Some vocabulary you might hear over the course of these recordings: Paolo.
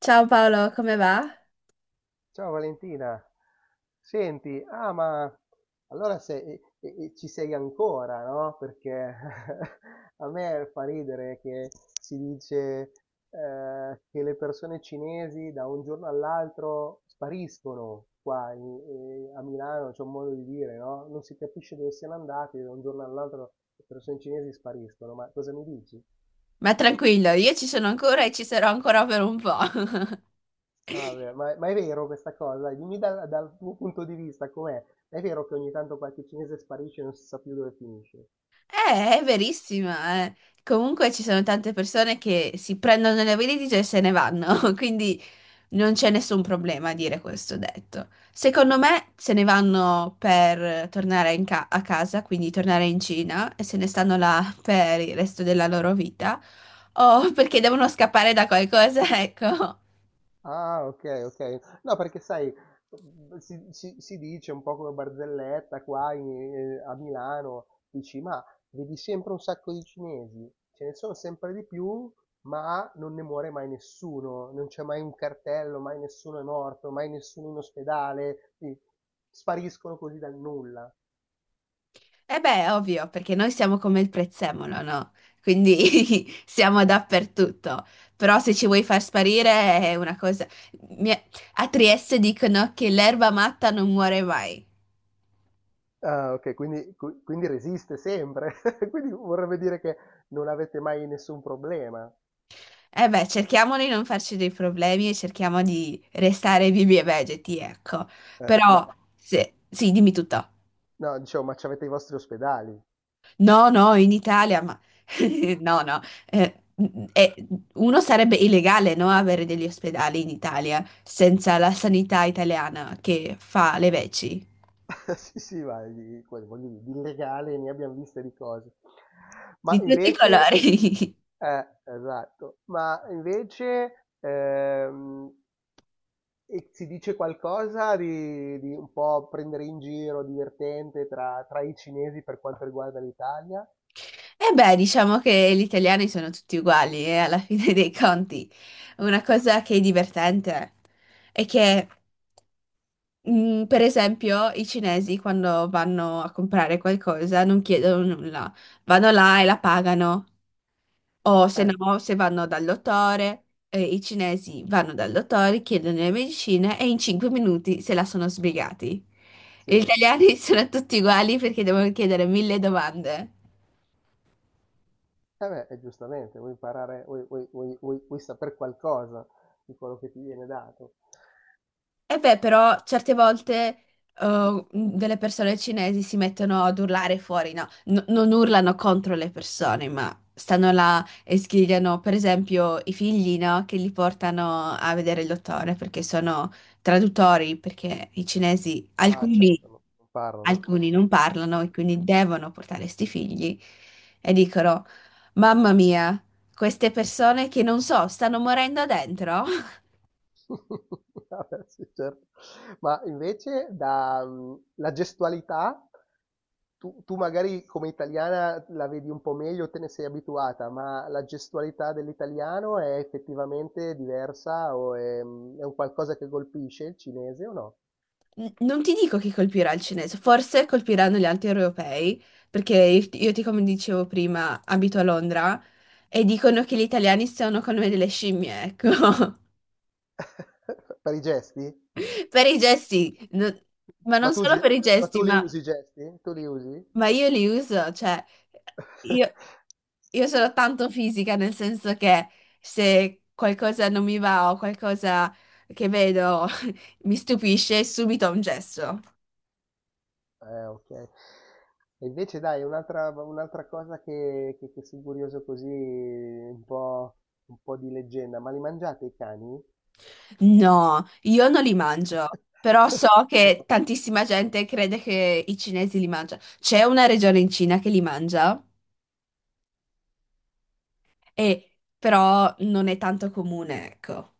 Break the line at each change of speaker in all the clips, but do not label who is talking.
Ciao Paolo, come va?
Ciao Valentina, senti, ah ma allora ci sei ancora, no? Perché a me fa ridere che si dice che le persone cinesi da un giorno all'altro spariscono qua a Milano, c'è un modo di dire, no? Non si capisce dove siano andati, da un giorno all'altro le persone cinesi spariscono, ma cosa mi dici?
Ma tranquillo, io ci sono ancora e ci sarò ancora per un po'.
Ah, beh, ma è vero questa cosa? Dimmi dal tuo punto di vista com'è? È vero che ogni tanto qualche cinese sparisce e non si sa più dove finisce?
È verissima, eh. Comunque ci sono tante persone che si prendono le valigie e se ne vanno, quindi non c'è nessun problema a dire questo detto. Secondo me se ne vanno per tornare a casa, quindi tornare in Cina e se ne stanno là per il resto della loro vita, o perché devono scappare da qualcosa, ecco.
Ah, ok, ok. No, perché sai, si dice un po' come barzelletta qua a Milano, dici, ma vedi sempre un sacco di cinesi, ce ne sono sempre di più, ma non ne muore mai nessuno, non c'è mai un cartello, mai nessuno è morto, mai nessuno in ospedale, sì, spariscono così dal nulla.
Eh beh, ovvio, perché noi siamo come il prezzemolo, no? Quindi siamo dappertutto. Però se ci vuoi far sparire è una cosa... Mi- A Trieste dicono che l'erba matta non muore mai.
Ah, okay, quindi qui quindi resiste sempre, quindi vorrebbe dire che non avete mai nessun problema.
Eh beh, cerchiamo di non farci dei problemi e cerchiamo di restare vivi e vegeti, ecco.
Ma
Però, se... sì, dimmi tutto.
no, dicevo, ma c'avete i vostri ospedali.
No, no, in Italia, ma no, no, eh, uno sarebbe illegale, no, avere degli ospedali in Italia senza la sanità italiana che fa le veci
Sì, sì, ma di quello voglio dire, di illegale ne abbiam viste di cose. Ma
di tutti i
invece
colori.
esatto, e si dice qualcosa di un po' prendere in giro, divertente tra i cinesi per quanto riguarda l'Italia?
E beh, diciamo che gli italiani sono tutti uguali, e alla fine dei conti. Una cosa che è divertente è che, per esempio, i cinesi quando vanno a comprare qualcosa non chiedono nulla, vanno là e la pagano. O se
Eh,
no, se vanno dal dottore, i cinesi vanno dal dottore, chiedono le medicine e in 5 minuti se la sono sbrigati.
sì.
Gli italiani sono tutti uguali perché devono chiedere mille domande.
Eh beh, e giustamente, vuoi imparare, vuoi saper qualcosa di quello che ti viene dato.
E beh, però certe volte delle persone cinesi si mettono ad urlare fuori, no? Non urlano contro le persone, ma stanno là e sgridano, per esempio, i figli, no? Che li portano a vedere il dottore perché sono traduttori, perché i cinesi,
Ah,
alcuni,
certo, no, non parlano.
alcuni non parlano e quindi devono portare sti figli e dicono, mamma mia, queste persone che non so, stanno morendo dentro.
Vabbè, sì, certo. Ma invece la gestualità, tu magari come italiana la vedi un po' meglio, te ne sei abituata, ma la gestualità dell'italiano è effettivamente diversa o è un qualcosa che colpisce il cinese o no?
Non ti dico chi colpirà il cinese, forse colpiranno gli altri europei, perché io ti, come dicevo prima, abito a Londra e dicono che gli italiani sono come delle scimmie, ecco,
Per i gesti?
per i gesti, ma
Ma
non
tu,
solo
ge-
per i
ma tu
gesti,
li usi i gesti? Tu li usi?
ma io li uso, cioè, io, io sono tanto fisica, nel senso che se qualcosa non mi va o qualcosa che vedo mi stupisce, subito ho un gesto.
Okay. E invece dai, un'altra cosa che son curioso così, un po' di leggenda, ma li mangiate i cani?
No, io non li mangio, però so
Tu
che
no.
tantissima gente crede che i cinesi li mangiano. C'è una regione in Cina che li mangia, e- però non è tanto comune, ecco.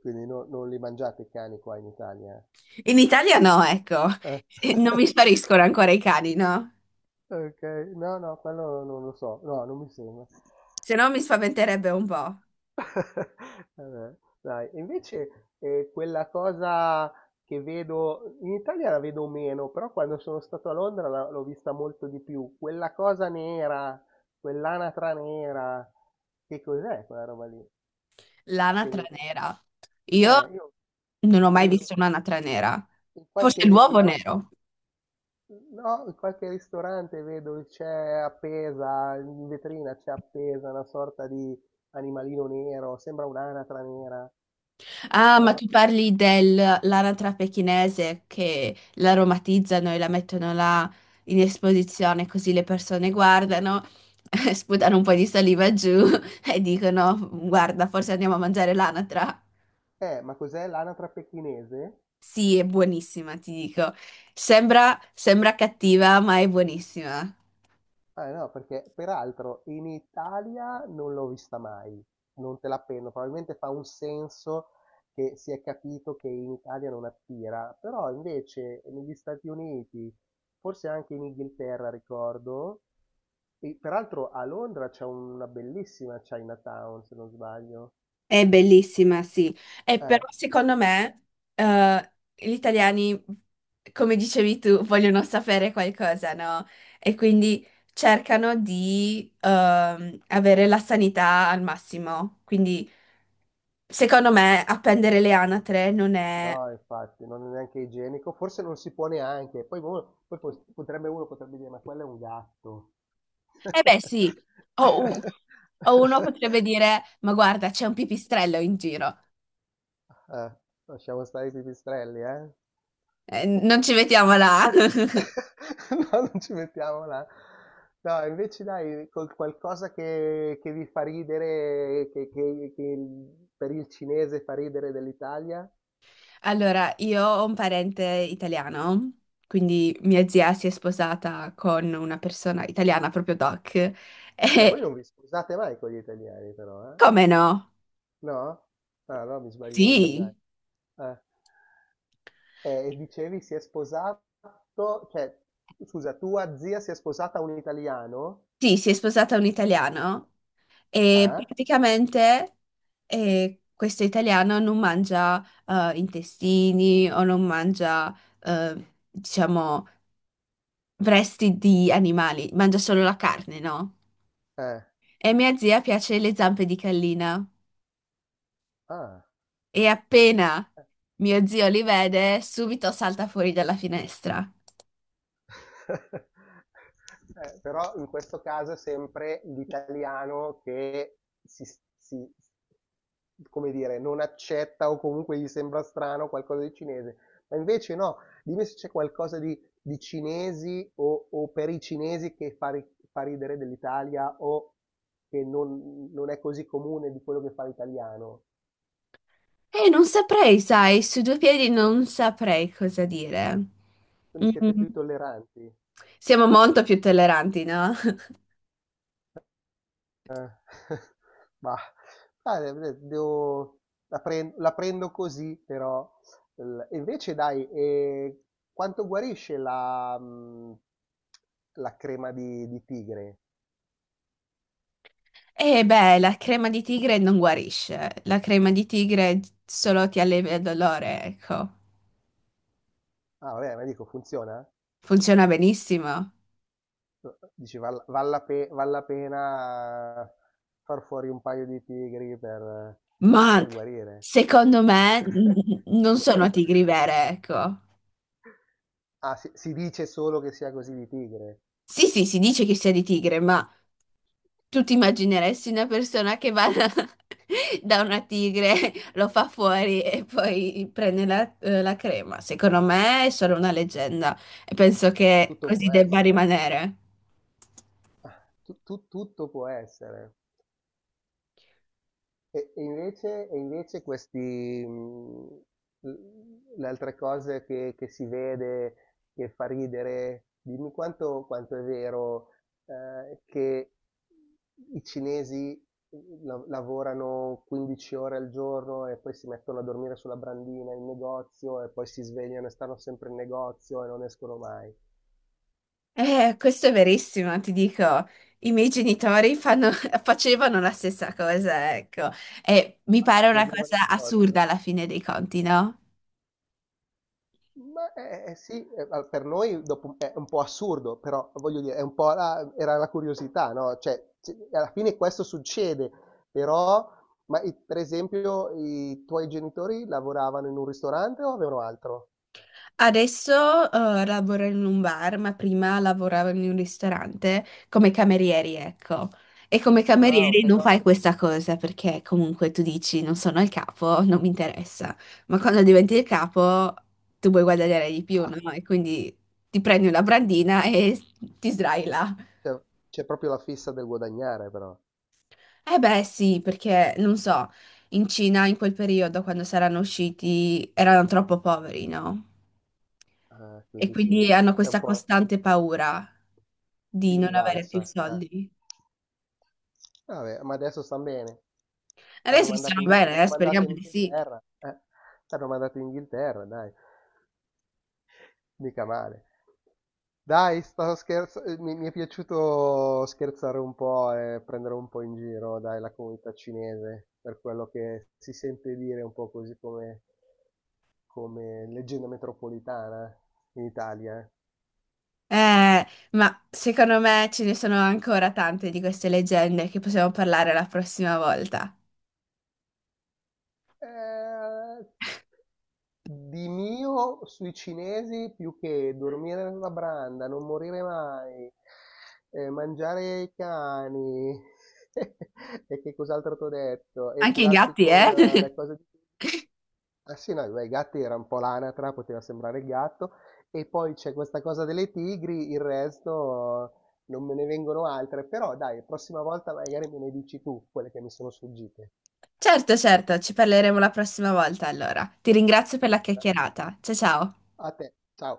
Quindi no, non li mangiate i cani qua in Italia?
In Italia no, ecco.
Eh.
Non mi spariscono ancora i cani, no?
Okay, no, no, quello non lo so, no, non mi sembra.
Se no mi spaventerebbe un po'.
Vabbè, dai. E invece quella cosa che vedo, in Italia la vedo meno, però quando sono stato a Londra l'ho vista molto di più. Quella cosa nera, quell'anatra nera, che cos'è quella roba lì che
L'anatra
vedo?
nera. Io
Io
non ho mai
vedo
visto un'anatra nera.
in
Forse
qualche
l'uovo
ristorante,
nero.
no, in qualche ristorante vedo che c'è appesa, in vetrina c'è appesa una sorta di animalino nero, sembra un'anatra nera,
Ah, ma
no?
tu parli dell'anatra pechinese che l'aromatizzano e la mettono là in esposizione così le persone guardano, sputano un po' di saliva giù e dicono, guarda, forse andiamo a mangiare l'anatra.
Ma cos'è l'anatra pechinese?
Sì, è buonissima, ti dico. Sembra, sembra cattiva, ma è buonissima.
Ah no, perché peraltro in Italia non l'ho vista mai, non te la penno, probabilmente fa un senso che si è capito che in Italia non attira, però invece negli Stati Uniti, forse anche in Inghilterra ricordo, e peraltro a Londra c'è una bellissima Chinatown, se non sbaglio.
È bellissima, sì. E
Eh,
però secondo me gli italiani, come dicevi tu, vogliono sapere qualcosa, no? E quindi cercano di avere la sanità al massimo. Quindi secondo me appendere le anatre non è...
no, infatti, non è neanche igienico, forse non si può neanche, poi, poi pos- potrebbe uno potrebbe dire, ma quello è un gatto.
Eh beh sì, o, u- o uno potrebbe dire, ma guarda, c'è un pipistrello in giro.
Eh, lasciamo stare i pipistrelli, eh?
Non ci mettiamo là.
No, non ci mettiamo là. No, invece dai, col qualcosa che vi fa ridere, che per il cinese fa ridere dell'Italia.
Allora, io ho un parente italiano, quindi mia zia si è sposata con una persona italiana, proprio Doc.
Voi
E
non vi scusate mai con gli italiani, però, eh?
come no?
No? Ah, no, mi sbaglio io, dai.
Sì,
Eh, e dicevi si è sposato, cioè, scusa, tua zia si è sposata a un italiano?
sì, si è sposata un italiano e
Eh?
praticamente questo italiano non mangia intestini o non mangia, diciamo, resti di animali, mangia solo la carne, no?
Eh.
E a mia zia piace le zampe di gallina.
Ah.
E appena mio zio li vede, subito salta fuori dalla finestra.
Però in questo caso è sempre l'italiano che si, si- come dire, non accetta o comunque gli sembra strano qualcosa di cinese. Ma invece no, dimmi se c'è qualcosa di cinesi o per i cinesi che fa ridere dell'Italia o che non è così comune di quello che fa l'italiano.
E non saprei, sai, su due piedi non saprei cosa dire.
Quindi siete
Mm,
più tolleranti.
siamo molto più tolleranti, no?
Mah, de devo la prendo così però. L e invece dai, quanto guarisce la crema di tigre?
E beh, la crema di tigre non guarisce. La crema di tigre solo ti allevia il dolore, ecco.
Ah vabbè, ma dico funziona?
Funziona benissimo.
Dici val la pena far fuori un paio di tigri per
Ma
per guarire?
secondo me non sono tigri vere, ecco.
Ah, si dice solo che sia così di tigre.
Sì, sì, si dice che sia di tigre, ma tu ti immagineresti una persona che va da, da una tigre, lo fa fuori e poi prende la, la crema? Secondo me è solo una leggenda e penso che
Tutto
così
può
debba
essere.
rimanere.
Tutto può essere. E invece questi, mh, le altre cose che si vede, che fa ridere, dimmi quanto è vero, che i cinesi lavorano 15 ore al giorno e poi si mettono a dormire sulla brandina in negozio e poi si svegliano e stanno sempre in negozio e non escono mai.
Questo è verissimo, ti dico. I miei genitori fanno- facevano la stessa cosa, ecco. E mi
Ah,
pare una
dormivano in
cosa
negozio?
assurda alla fine dei conti, no?
Ma sì, ma per noi dopo è un po' assurdo, però voglio dire, è un po' era la curiosità, no? Cioè, alla fine questo succede, però, ma per esempio, i tuoi genitori lavoravano in un ristorante o avevano altro?
Adesso lavoro in un bar, ma prima lavoravo in un ristorante come camerieri, ecco. E come
Ah, ok,
camerieri non
no,
fai questa cosa perché comunque tu dici non sono il capo, non mi interessa. Ma quando diventi il capo tu vuoi guadagnare di più,
ah,
no? E quindi ti prendi una brandina e ti sdrai là.
cioè, c'è proprio la fissa del guadagnare, però.
Eh beh, sì, perché non so, in Cina in quel periodo quando saranno usciti erano troppo poveri, no?
Ah,
E
quindi sì,
quindi hanno
c'è un
questa
po'
costante paura di
di
non avere più
rivalsa. Eh.
soldi.
Vabbè, ma adesso stan bene. T'hanno
Adesso
mandato
stanno
in,
bene,
t'hanno
speriamo
mandato in
di sì.
Inghilterra. T'hanno mandato in Inghilterra, dai. Mica male. Dai, stavo scherzando. Mi è piaciuto scherzare un po' e prendere un po' in giro, dai, la comunità cinese, per quello che si sente dire un po' così come leggenda metropolitana in Italia.
Eh, ma secondo me ce ne sono ancora tante di queste leggende che possiamo parlare la prossima volta.
Eh, Eh, Di mio sui cinesi più che dormire nella branda, non morire mai, mangiare i cani e che cos'altro t'ho detto? E
Anche i
curarsi
gatti,
con
eh?
le cose di... Ah sì, no, beh, i gatti era un po' l'anatra, poteva sembrare il gatto. E poi c'è questa cosa delle tigri, il resto non me ne vengono altre. Però dai, prossima volta magari me ne dici tu quelle che mi sono sfuggite.
Certo, certo, ci parleremo la prossima volta allora. Ti ringrazio per la chiacchierata. Ciao ciao.
A te, ciao.